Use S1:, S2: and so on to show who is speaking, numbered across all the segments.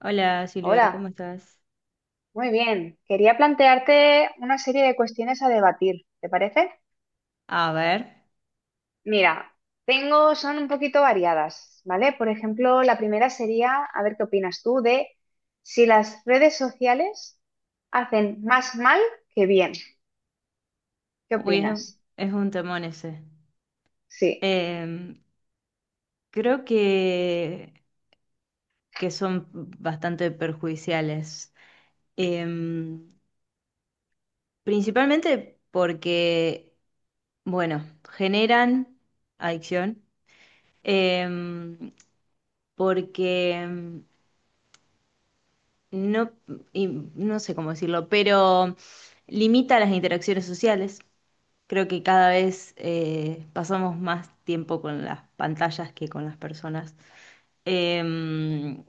S1: Hola Silvia, ¿cómo
S2: Hola,
S1: estás?
S2: muy bien. Quería plantearte una serie de cuestiones a debatir, ¿te parece?
S1: A ver,
S2: Mira, son un poquito variadas, ¿vale? Por ejemplo, la primera sería, a ver qué opinas tú de si las redes sociales hacen más mal que bien. ¿Qué
S1: uy, es,
S2: opinas?
S1: es un temón ese.
S2: Sí,
S1: Em, Creo que son bastante perjudiciales. Em, Principalmente porque, bueno, generan adicción, em, porque no, y no sé cómo decirlo, pero limita las interacciones sociales. Creo que cada vez pasamos más tiempo con las pantallas que con las personas. Em,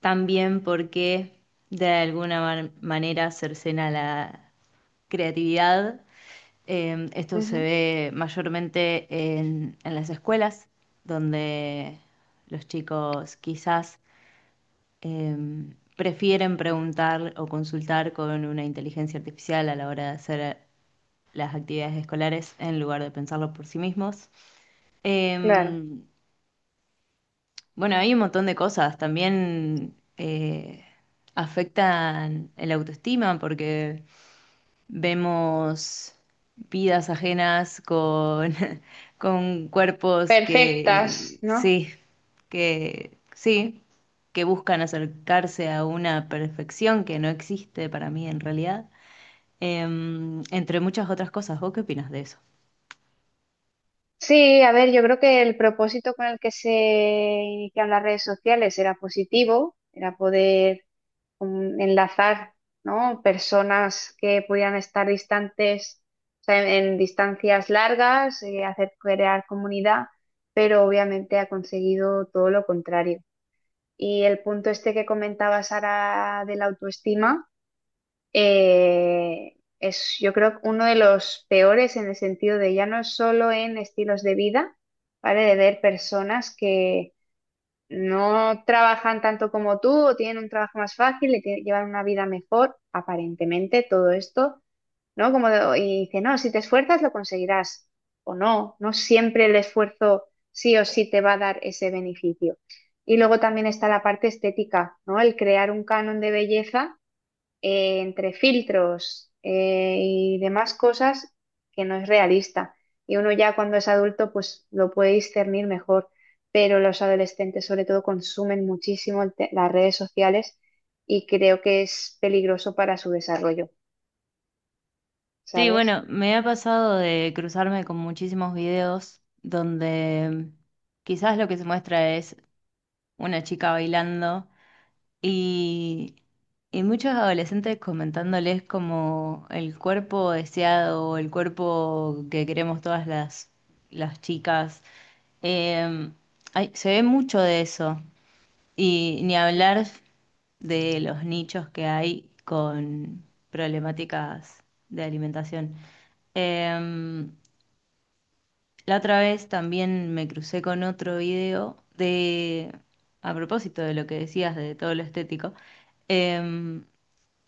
S1: También porque de alguna manera cercena la creatividad. Esto se
S2: Ujú.
S1: ve mayormente en las escuelas, donde los chicos quizás prefieren preguntar o consultar con una inteligencia artificial a la hora de hacer las actividades escolares en lugar de pensarlo por sí mismos.
S2: Claro.
S1: Em, bueno, hay un montón de cosas. También afectan el autoestima porque vemos vidas ajenas con, con cuerpos
S2: Perfectas,
S1: que
S2: ¿no?
S1: sí, que sí, que buscan acercarse a una perfección que no existe para mí en realidad. Entre muchas otras cosas. ¿Vos qué opinas de eso?
S2: Sí, a ver, yo creo que el propósito con el que se iniciaron las redes sociales era positivo, era poder enlazar, ¿no? Personas que pudieran estar distantes, o sea, en distancias largas, hacer crear comunidad, pero obviamente ha conseguido todo lo contrario. Y el punto este que comentaba Sara de la autoestima, es yo creo uno de los peores en el sentido de ya no es solo en estilos de vida, ¿vale? De ver personas que no trabajan tanto como tú, o tienen un trabajo más fácil, llevan una vida mejor, aparentemente, todo esto, ¿no? Como y dice, no, si te esfuerzas lo conseguirás, o no, no siempre el esfuerzo sí o sí te va a dar ese beneficio. Y luego también está la parte estética, ¿no? El crear un canon de belleza entre filtros y demás cosas que no es realista. Y uno ya cuando es adulto pues lo puede discernir mejor, pero los adolescentes sobre todo consumen muchísimo las redes sociales y creo que es peligroso para su desarrollo,
S1: Sí,
S2: ¿sabes?
S1: bueno, me ha pasado de cruzarme con muchísimos videos donde quizás lo que se muestra es una chica bailando y, y muchos adolescentes comentándoles como el cuerpo deseado o el cuerpo que queremos todas las chicas. Eh, se ve mucho de eso. Y ni hablar de los nichos que hay con problemáticas de alimentación. Eh, la otra vez también me crucé con otro video de, a propósito de lo que decías de todo lo estético, eh,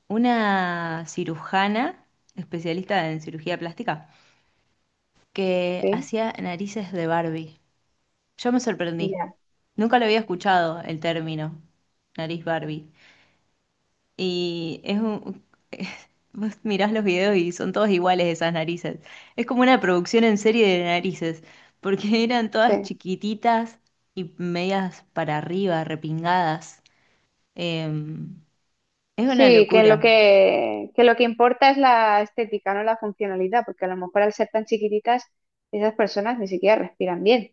S1: una cirujana especialista en cirugía plástica que
S2: Sí,
S1: hacía narices de Barbie. Yo me sorprendí.
S2: ya,
S1: Nunca lo había escuchado el término, nariz Barbie. Y es un... Vos mirás los videos y son todos iguales esas narices. Es como una producción en serie de narices, porque eran todas
S2: sí.
S1: chiquititas y medias para arriba, repingadas. Em, es una
S2: Sí, que lo
S1: locura,
S2: que, que lo que importa es la estética, no la funcionalidad, porque a lo mejor al ser tan chiquititas, esas personas ni siquiera respiran bien.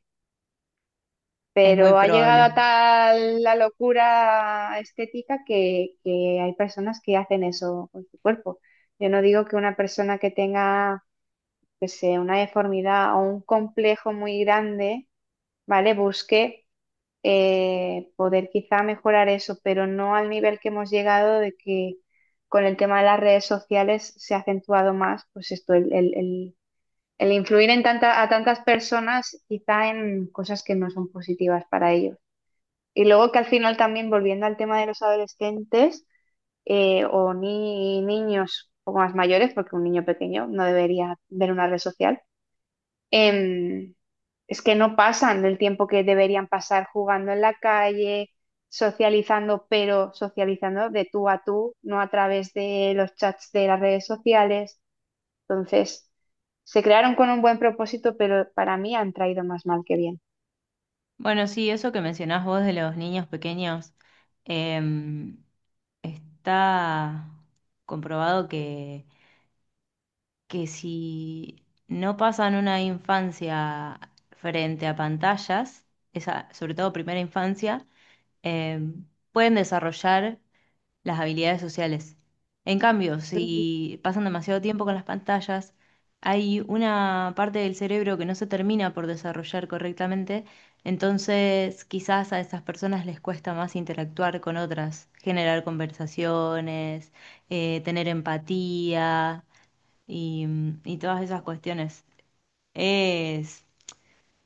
S1: es muy
S2: Pero ha llegado
S1: probable.
S2: a tal la locura estética que hay personas que hacen eso con su cuerpo. Yo no digo que una persona que tenga, que sé, una deformidad o un complejo muy grande, ¿vale? Busque poder quizá mejorar eso, pero no al nivel que hemos llegado de que con el tema de las redes sociales se ha acentuado más, pues esto, el influir a tantas personas quizá en cosas que no son positivas para ellos. Y luego que al final también, volviendo al tema de los adolescentes o ni niños un poco más mayores, porque un niño pequeño no debería ver una red social, em, es que no pasan el tiempo que deberían pasar jugando en la calle, socializando, pero socializando de tú a tú, no a través de los chats de las redes sociales. Entonces, se crearon con un buen propósito, pero para mí han traído más mal que bien.
S1: Bueno, sí, eso que mencionás vos de los niños pequeños, em, está comprobado que si no pasan una infancia frente a pantallas, esa, sobre todo primera infancia, eh, pueden desarrollar las habilidades sociales. En cambio,
S2: Ujú.
S1: si pasan demasiado tiempo con las pantallas, hay una parte del cerebro que no se termina por desarrollar correctamente, entonces quizás a esas personas les cuesta más interactuar con otras, generar conversaciones, tener empatía y, y todas esas cuestiones. Es,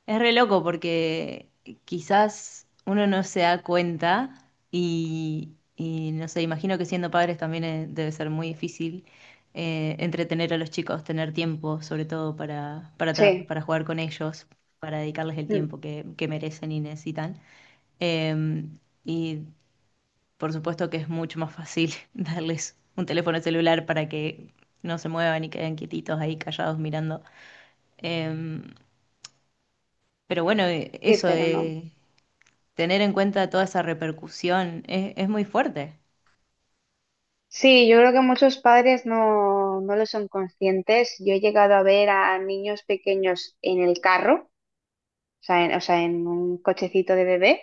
S1: es re loco porque quizás uno no se da cuenta y no sé, imagino que siendo padres también debe ser muy difícil entretener a los chicos, tener tiempo sobre todo para,
S2: Sí,
S1: para jugar con ellos, para dedicarles el
S2: mm,
S1: tiempo que merecen y necesitan. Eh, y por supuesto que es mucho más fácil darles un teléfono celular para que no se muevan y queden quietitos ahí callados mirando. Em, pero bueno,
S2: sí,
S1: eso
S2: pero no.
S1: de tener en cuenta toda esa repercusión es muy fuerte.
S2: Sí, yo creo que muchos padres no, no lo son conscientes. Yo he llegado a ver a niños pequeños en el carro, o sea, en un cochecito de bebé,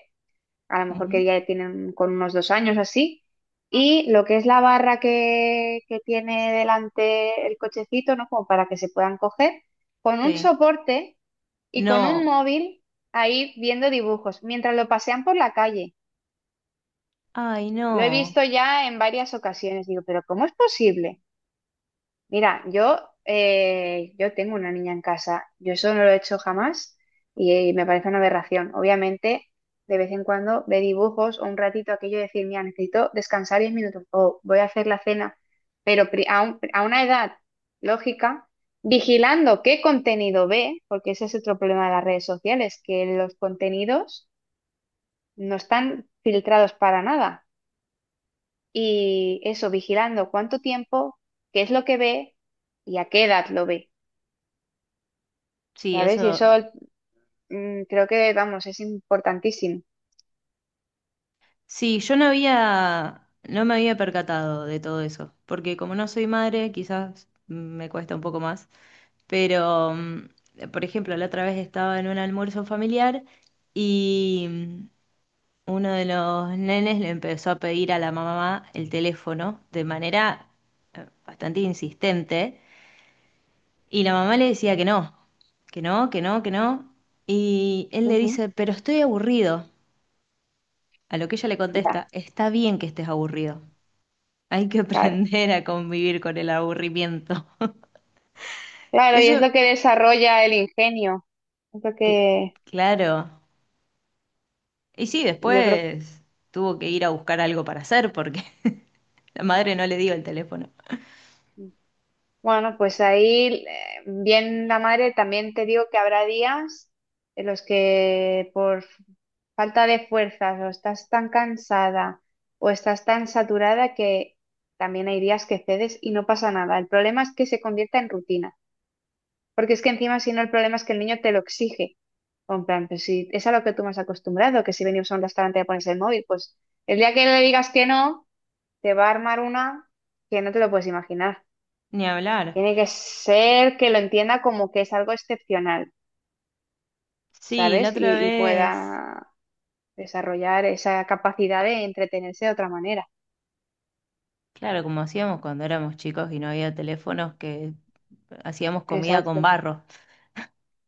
S2: a lo mejor
S1: Ujú.
S2: que ya tienen con unos 2 años así, y lo que es la barra que tiene delante el cochecito, ¿no? Como para que se puedan coger, con un
S1: Sí.
S2: soporte y con un
S1: No,
S2: móvil ahí viendo dibujos, mientras lo pasean por la calle.
S1: ay,
S2: Lo he
S1: no.
S2: visto ya en varias ocasiones. Digo, pero ¿cómo es posible? Mira, yo, yo tengo una niña en casa. Yo eso no lo he hecho jamás y, me parece una aberración. Obviamente, de vez en cuando ve dibujos o un ratito aquello de decir, mira, necesito descansar 10 minutos o voy a hacer la cena, pero a una edad lógica, vigilando qué contenido ve, porque ese es otro problema de las redes sociales, que los contenidos no están filtrados para nada. Y eso, vigilando cuánto tiempo, qué es lo que ve y a qué edad lo ve.
S1: Sí,
S2: ¿Sabes? Y eso
S1: eso.
S2: creo que, vamos, es importantísimo.
S1: Sí, yo no había, no me había percatado de todo eso, porque como no soy madre, quizás me cuesta un poco más. Pero, por ejemplo, la otra vez estaba en un almuerzo familiar y uno de los nenes le empezó a pedir a la mamá el teléfono de manera bastante insistente y la mamá le decía que no, que no, que no, que no. Y él le
S2: Ujú.
S1: dice, pero estoy aburrido. A lo que ella le
S2: Ya,
S1: contesta, está bien que estés aburrido. Hay que
S2: claro.
S1: aprender a convivir con el aburrimiento.
S2: Claro, y es
S1: Eso,
S2: lo que desarrolla el ingenio. Es lo
S1: que,
S2: que
S1: claro. Y sí,
S2: yo creo.
S1: después tuvo que ir a buscar algo para hacer porque la madre no le dio el teléfono.
S2: mm, Bueno, pues ahí, bien la madre, también te digo que habrá días en los que por falta de fuerzas o estás tan cansada o estás tan saturada que también hay días que cedes y no pasa nada. El problema es que se convierta en rutina. Porque es que encima, si no, el problema es que el niño te lo exige. O en plan, pues si es a lo que tú me has acostumbrado, que si venimos a un restaurante a pones el móvil, pues el día que le digas que no, te va a armar una que no te lo puedes imaginar.
S1: Ni hablar.
S2: Tiene que ser que lo entienda como que es algo excepcional,
S1: Sí, la
S2: ¿sabes?
S1: otra
S2: Y
S1: vez,
S2: pueda desarrollar esa capacidad de entretenerse de otra manera.
S1: claro, como hacíamos cuando éramos chicos y no había teléfonos, que hacíamos comida con
S2: Exacto.
S1: barro.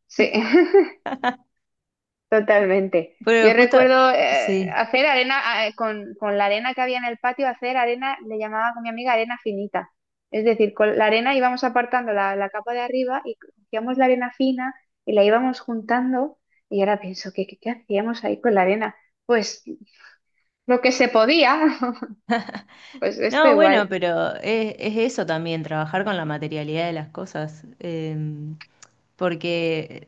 S2: Sí. Totalmente.
S1: Pero
S2: Yo
S1: justo,
S2: recuerdo
S1: sí.
S2: hacer arena, con la arena que había en el patio, hacer arena, le llamaba con mi amiga arena finita. Es decir, con la arena íbamos apartando la capa de arriba y cogíamos la arena fina y la íbamos juntando. Y ahora pienso, ¿qué hacíamos ahí con la arena? Pues lo que se podía, pues esto
S1: No, bueno,
S2: igual.
S1: pero es eso también, trabajar con la materialidad de las cosas. Porque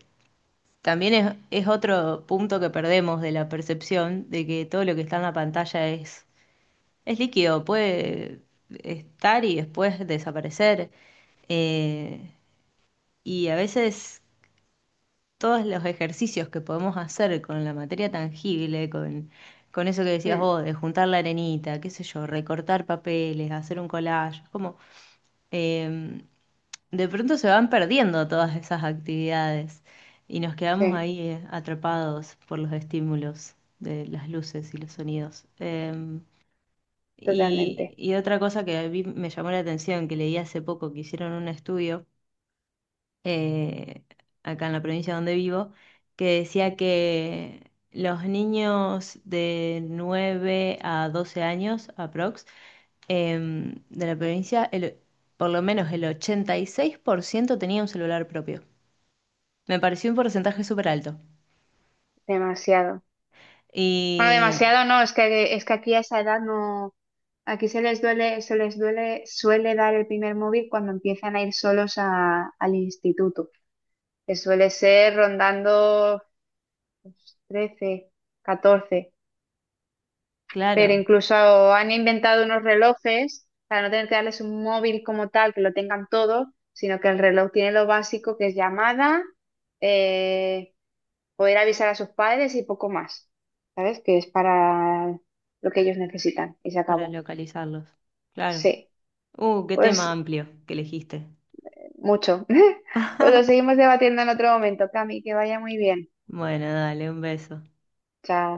S1: también es otro punto que perdemos de la percepción de que todo lo que está en la pantalla es líquido, puede estar y después desaparecer. Eh, y a veces todos los ejercicios que podemos hacer con la materia tangible, con eso que decías
S2: Mm,
S1: vos, de juntar la arenita, qué sé yo, recortar papeles, hacer un collage, como eh, de pronto se van perdiendo todas esas actividades y nos quedamos
S2: sí,
S1: ahí atrapados por los estímulos de las luces y los sonidos.
S2: totalmente.
S1: Y otra cosa que a mí me llamó la atención, que leí hace poco que hicieron un estudio, eh, acá en la provincia donde vivo, que decía que los niños de 9 a 12 años, aprox, de la provincia, por lo menos el 86% tenía un celular propio. Me pareció un porcentaje súper alto.
S2: Demasiado. Bueno,
S1: Y
S2: demasiado no, es que, aquí a esa edad no, aquí suele dar el primer móvil cuando empiezan a ir solos al instituto, que suele ser rondando pues, 13, 14, pero
S1: claro,
S2: incluso han inventado unos relojes para no tener que darles un móvil como tal, que lo tengan todo, sino que el reloj tiene lo básico que es llamada, eh, poder avisar a sus padres y poco más, ¿sabes? Que es para lo que ellos necesitan y se
S1: para
S2: acabó.
S1: localizarlos. Claro.
S2: Sí,
S1: Qué tema
S2: pues
S1: amplio que elegiste.
S2: mucho. Pues lo seguimos debatiendo en otro momento, Cami, que vaya muy bien.
S1: Bueno, dale, un beso.
S2: Chao.